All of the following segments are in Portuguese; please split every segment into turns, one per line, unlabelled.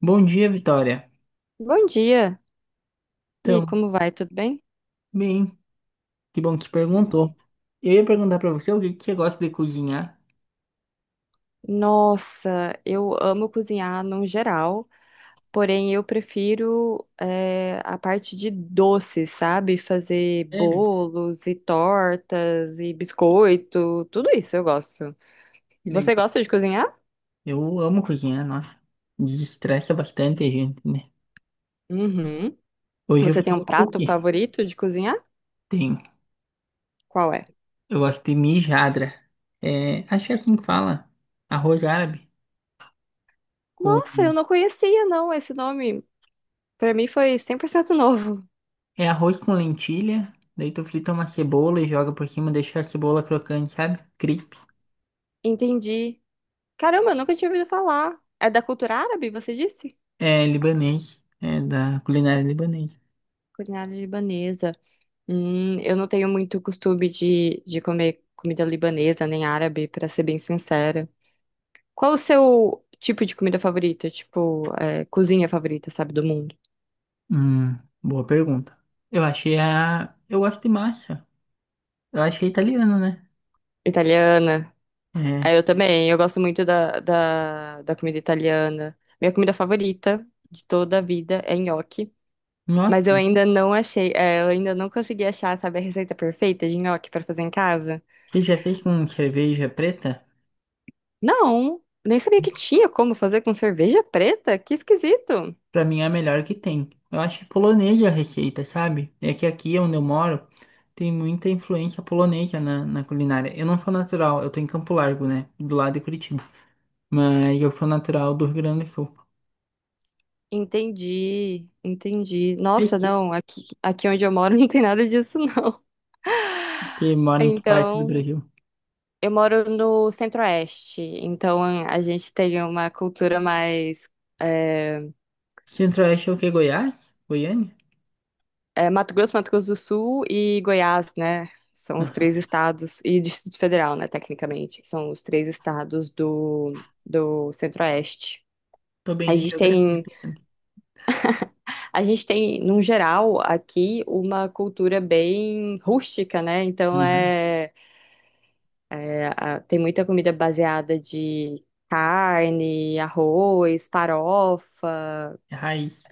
Bom dia, Vitória.
Bom dia! E aí,
Então,
como vai? Tudo bem?
bem, que bom que
Legal.
perguntou. Eu ia perguntar pra você o que que você gosta de cozinhar.
Nossa, eu amo cozinhar no geral, porém eu prefiro a parte de doces, sabe? Fazer
Sério?
bolos e tortas e biscoito, tudo isso eu gosto.
Que legal.
Você gosta de cozinhar?
Eu amo cozinhar, nossa. Desestressa bastante a gente, né?
Uhum.
Hoje eu
Você
fiz
tem um
um
prato
cookie.
favorito de cozinhar?
Tem.
Qual é?
Eu gosto de mijadra. É, acho que é assim que fala. Arroz árabe. Com...
Nossa, eu não conhecia não esse nome. Pra mim foi 100% novo.
É arroz com lentilha. Daí tu frita uma cebola e joga por cima, deixa a cebola crocante, sabe? Crisp.
Entendi. Caramba, eu nunca tinha ouvido falar. É da cultura árabe, você disse?
É libanês. É da culinária libanesa.
Culinária libanesa. Eu não tenho muito costume de comer comida libanesa nem árabe, pra ser bem sincera. Qual o seu tipo de comida favorita? Tipo, é, cozinha favorita, sabe, do mundo?
Hum, boa pergunta. Eu achei a. Eu gosto de massa. Eu achei italiano, né?
Italiana. É,
É.
eu também. Eu gosto muito da comida italiana. Minha comida favorita de toda a vida é nhoque. Mas eu
Gnocchi,
ainda não achei, é, eu ainda não consegui achar, sabe, a receita perfeita de nhoque pra fazer em casa.
que já fez com cerveja preta,
Não, nem sabia que tinha como fazer com cerveja preta. Que esquisito.
pra mim é a melhor que tem. Eu acho polonesa é a receita, sabe? É que aqui onde eu moro tem muita influência polonesa na culinária. Eu não sou natural, eu tô em Campo Largo, né? Do lado de Curitiba. Mas eu sou natural do Rio Grande do Sul.
Entendi, entendi.
Vocês
Nossa, não, aqui onde eu moro não tem nada disso, não.
Que mora em que parte do
Então,
Brasil?
eu moro no Centro-Oeste, então a gente tem uma cultura mais. É,
Centro-Oeste é o que? Goiás? Goiânia?
é Mato Grosso, Mato Grosso do Sul e Goiás, né? São os
Aham.
três estados, e Distrito Federal, né, tecnicamente, são os três estados do Centro-Oeste.
Tô bem
A
de
gente
geografia,
tem.
pelo menos.
A gente tem, num geral, aqui uma cultura bem rústica, né? Então
Aham.
é, é, tem muita comida baseada de carne, arroz, farofa,
É raiz.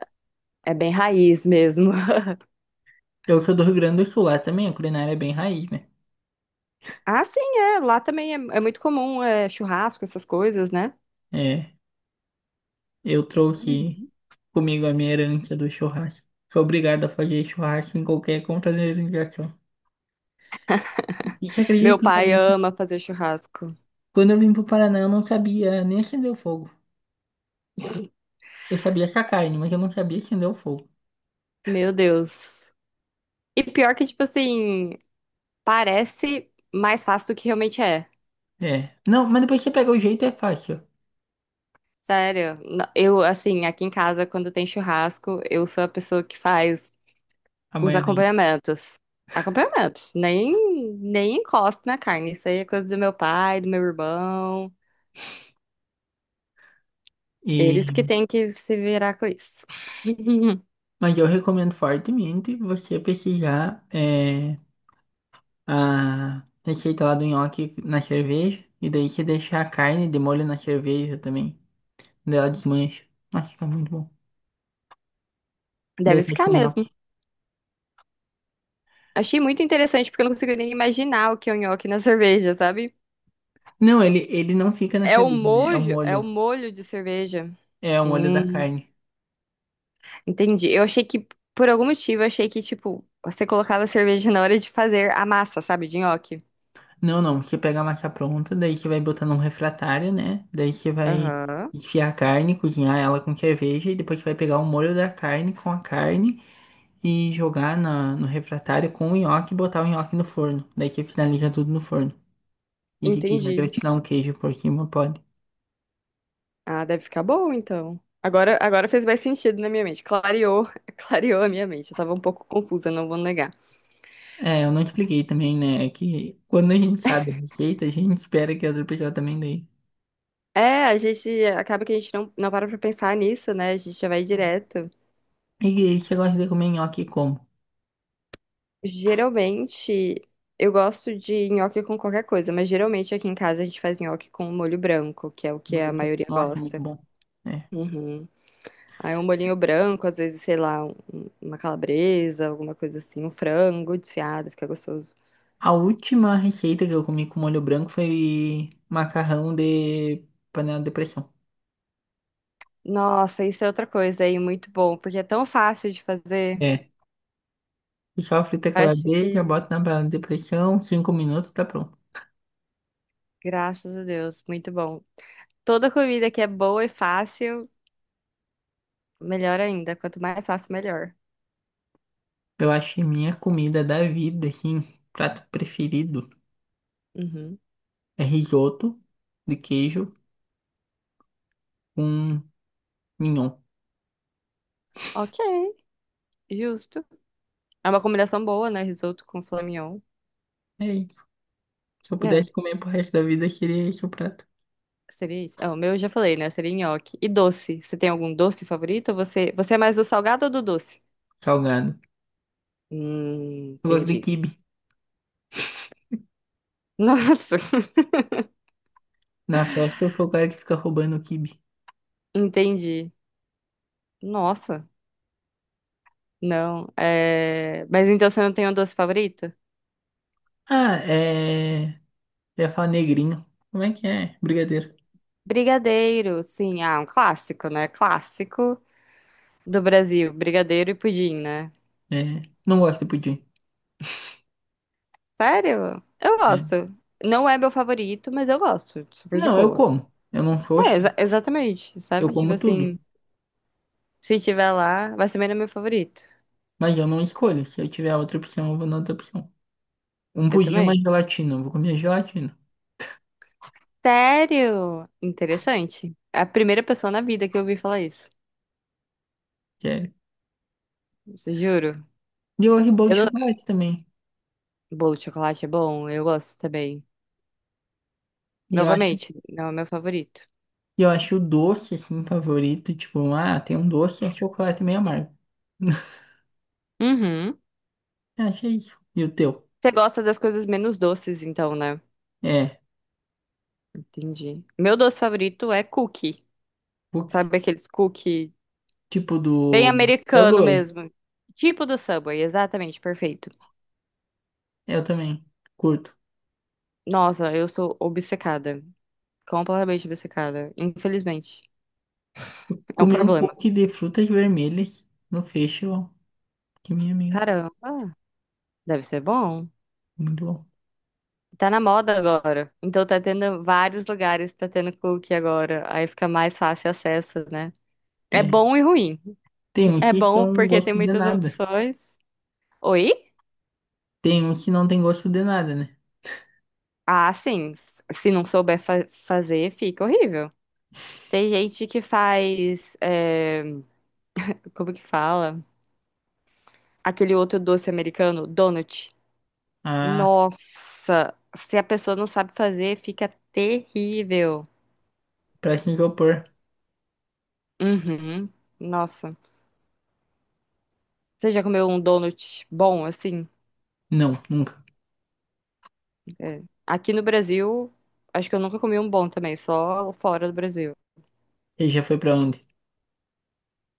é bem raiz mesmo.
Eu sou do Rio Grande do Sul, lá também a culinária é bem raiz, né?
Ah, sim, é. Lá também é, é muito comum é, churrasco, essas coisas, né?
É, eu trouxe
Uhum.
comigo a minha herança do churrasco. Sou obrigado a fazer churrasco em qualquer confraternização. E você acredita
Meu
que quando eu
pai
vim
ama fazer churrasco.
quando eu vim pro Paraná eu não sabia nem acender o fogo. Eu sabia essa carne, mas eu não sabia acender o fogo.
Meu Deus. E pior que, tipo assim, parece mais fácil do que realmente é.
É. Não, mas depois você pega o jeito é fácil,
Sério, eu, assim, aqui em casa, quando tem churrasco, eu sou a pessoa que faz
a
os
maionese.
acompanhamentos. Acompanhamentos, nem encosto na carne. Isso aí é coisa do meu pai, do meu irmão. Eles
E,
que têm que se virar com isso.
mas eu recomendo fortemente você pesquisar. A receita lá do nhoque na cerveja. E daí você deixa a carne de molho na cerveja também. Daí ela desmancha. Nossa, fica muito bom. Daí
Deve
faz
ficar
com nhoque.
mesmo. Achei muito interessante, porque eu não consigo nem imaginar o que é o nhoque na cerveja, sabe?
Não, ele não fica na
É o
cerveja, né? É o
mojo, é o
molho.
molho de cerveja.
É o molho da
Hum.
carne.
Entendi. Por algum motivo, eu achei que, tipo, você colocava cerveja na hora de fazer a massa, sabe, de nhoque.
Não, não. Você pega a massa pronta, daí você vai botar num refratário, né? Daí você vai
Aham.
desfiar a carne, cozinhar ela com cerveja. E depois você vai pegar o molho da carne com a carne e jogar no refratário com o nhoque e botar o nhoque no forno. Daí você finaliza tudo no forno. E de que regra
Entendi.
tirar um queijo por cima pode.
Ah, deve ficar bom, então. Agora, agora fez mais sentido na minha mente. Clareou, clareou a minha mente. Eu tava um pouco confusa, não vou negar.
É, eu não expliquei também, né? É que quando a gente sabe a receita, a gente espera que a outra pessoa também dê.
É, a gente acaba que a gente não para pra pensar nisso, né? A gente já vai direto.
E você gosta de comer nhoque como?
Geralmente, eu gosto de nhoque com qualquer coisa, mas geralmente aqui em casa a gente faz nhoque com molho branco, que é o que
Molho
a
branco.
maioria
Nossa, muito
gosta.
bom. É.
Uhum. Aí um bolinho branco, às vezes, sei lá, uma calabresa, alguma coisa assim, um frango desfiado, fica gostoso.
A última receita que eu comi com molho branco foi macarrão de panela de pressão.
Nossa, isso é outra coisa aí, muito bom, porque é tão fácil de fazer.
É. E só frita
Acho
calabresa,
que,
bota na panela de pressão, cinco minutos, tá pronto.
graças a Deus, muito bom. Toda comida que é boa e fácil, melhor ainda. Quanto mais fácil, melhor.
Eu acho que minha comida da vida, assim, prato preferido
Uhum.
é risoto de queijo com mignon.
Ok, justo. É uma combinação boa, né? Risoto com flamignon.
É isso. Se eu
É,
pudesse comer pro resto da vida, seria esse o prato.
seria isso. Ah, o meu eu já falei, né? Seria nhoque. E doce. Você tem algum doce favorito? Ou Você, você é mais do salgado ou do doce?
Salgado. Eu gosto de
Entendi.
quibe.
Nossa,
Na festa eu sou o cara que fica roubando o quibe.
entendi. Nossa, não. É... Mas então você não tem um doce favorito?
Ah, é. Eu ia falar negrinho. Como é que é? Brigadeiro.
Brigadeiro, sim. Ah, um clássico, né? Clássico do Brasil. Brigadeiro e pudim, né?
É. Não gosto de pudim.
Sério? Eu
É.
gosto. Não é meu favorito, mas eu gosto. Super de
Não, eu
boa.
como. Eu não sou
É,
chato.
exatamente,
Eu
sabe? Tipo
como tudo.
assim, se tiver lá, mas também não é meu favorito.
Mas eu não escolho. Se eu tiver outra opção, eu vou na outra opção. Um
Eu
pudim
também.
mais gelatina. Eu vou comer gelatina.
Sério? Interessante. É a primeira pessoa na vida que eu ouvi falar isso.
Sério.
Juro.
E eu gosto de bolo de
Eu
chocolate também.
Bolo de chocolate é bom, eu gosto também.
E eu acho
Novamente, não é o meu favorito.
E eu acho o doce, assim, favorito. Tipo, um, ah, tem um doce, e é chocolate meio amargo.
Uhum.
Eu achei isso. E o teu?
Você gosta das coisas menos doces, então, né?
É,
Entendi. Meu doce favorito é cookie.
cookie.
Sabe aqueles cookie
Tipo
bem
do...
americano mesmo? Tipo do Subway, exatamente, perfeito.
Eu também. Curto.
Nossa, eu sou obcecada. Completamente obcecada. Infelizmente. É um
Comi um
problema.
cookie de frutas vermelhas no festival. Que minha amiga.
Caramba, deve ser bom.
Muito bom.
Tá na moda agora. Então tá tendo vários lugares, tá tendo cookie agora. Aí fica mais fácil acesso, né? É
É.
bom e ruim.
Tem uns
É
que
bom
não
porque tem
gosto de
muitas
nada.
opções. Oi?
Tem uns que não tem gosto de nada, né?
Ah, sim. Se não souber fazer, fica horrível. Tem gente que faz. É, Como que fala? Aquele outro doce americano, donut.
Ah,
Nossa! Se a pessoa não sabe fazer, fica terrível.
pra se isopor.
Uhum. Nossa. Você já comeu um donut bom, assim?
Não, nunca.
É. Aqui no Brasil, acho que eu nunca comi um bom também, só fora do Brasil.
Ele já foi pra onde?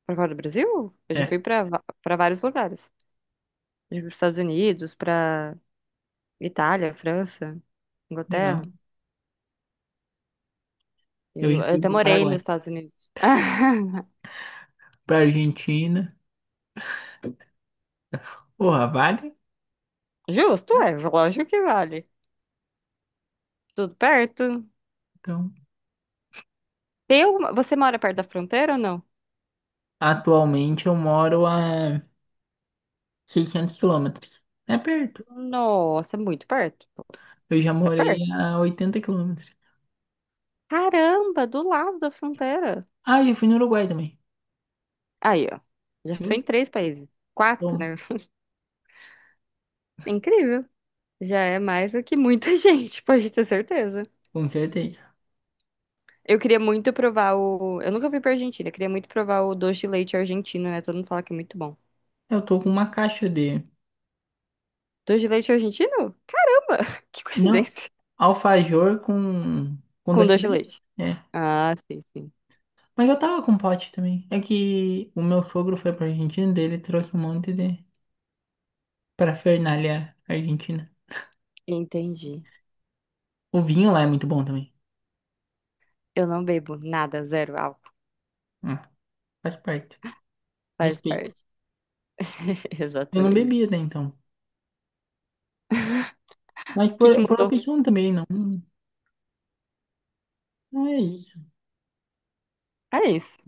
Pra Fora do Brasil? Eu já
É,
fui pra pra vários lugares. Já fui pros Estados Unidos, pra Itália, França,
legal.
Inglaterra.
Eu
Eu
já fui
até
pro
morei nos
Paraguai.
Estados Unidos.
Pra Argentina. Porra, vale?
Justo, é, lógico que vale. Tudo perto.
Então,
Tem alguma... Você mora perto da fronteira ou não?
atualmente eu moro a 600 quilômetros. É perto.
Nossa, é muito perto.
Eu já
É
morei
perto?
a 80 quilômetros.
Caramba, do lado da fronteira.
Ah, eu fui no Uruguai também.
Aí, ó. Já foi
Eu
em três países. Quatro,
tomo,
né? Incrível. Já é mais do que muita gente, pode ter certeza.
com certeza.
Eu queria muito provar o. Eu nunca fui pra Argentina, eu queria muito provar o doce de leite argentino, né? Todo mundo fala que é muito bom.
Eu tô com uma caixa de...
Doce de leite argentino? Caramba, que
Não,
coincidência.
alfajor com
Com doce de
docinete.
leite.
É.
Ah, sim, sim.
Mas eu tava com pote também. É que o meu sogro foi pra Argentina, dele trouxe um monte de parafernália argentina.
Entendi.
O vinho lá é muito bom também.
Eu não bebo nada, zero álcool.
Hum, faz parte.
Faz
Respeito.
parte.
Eu não bebia
Exatamente.
até então. Mas
O que que
por
mudou?
opção também, não. Não é isso.
É isso.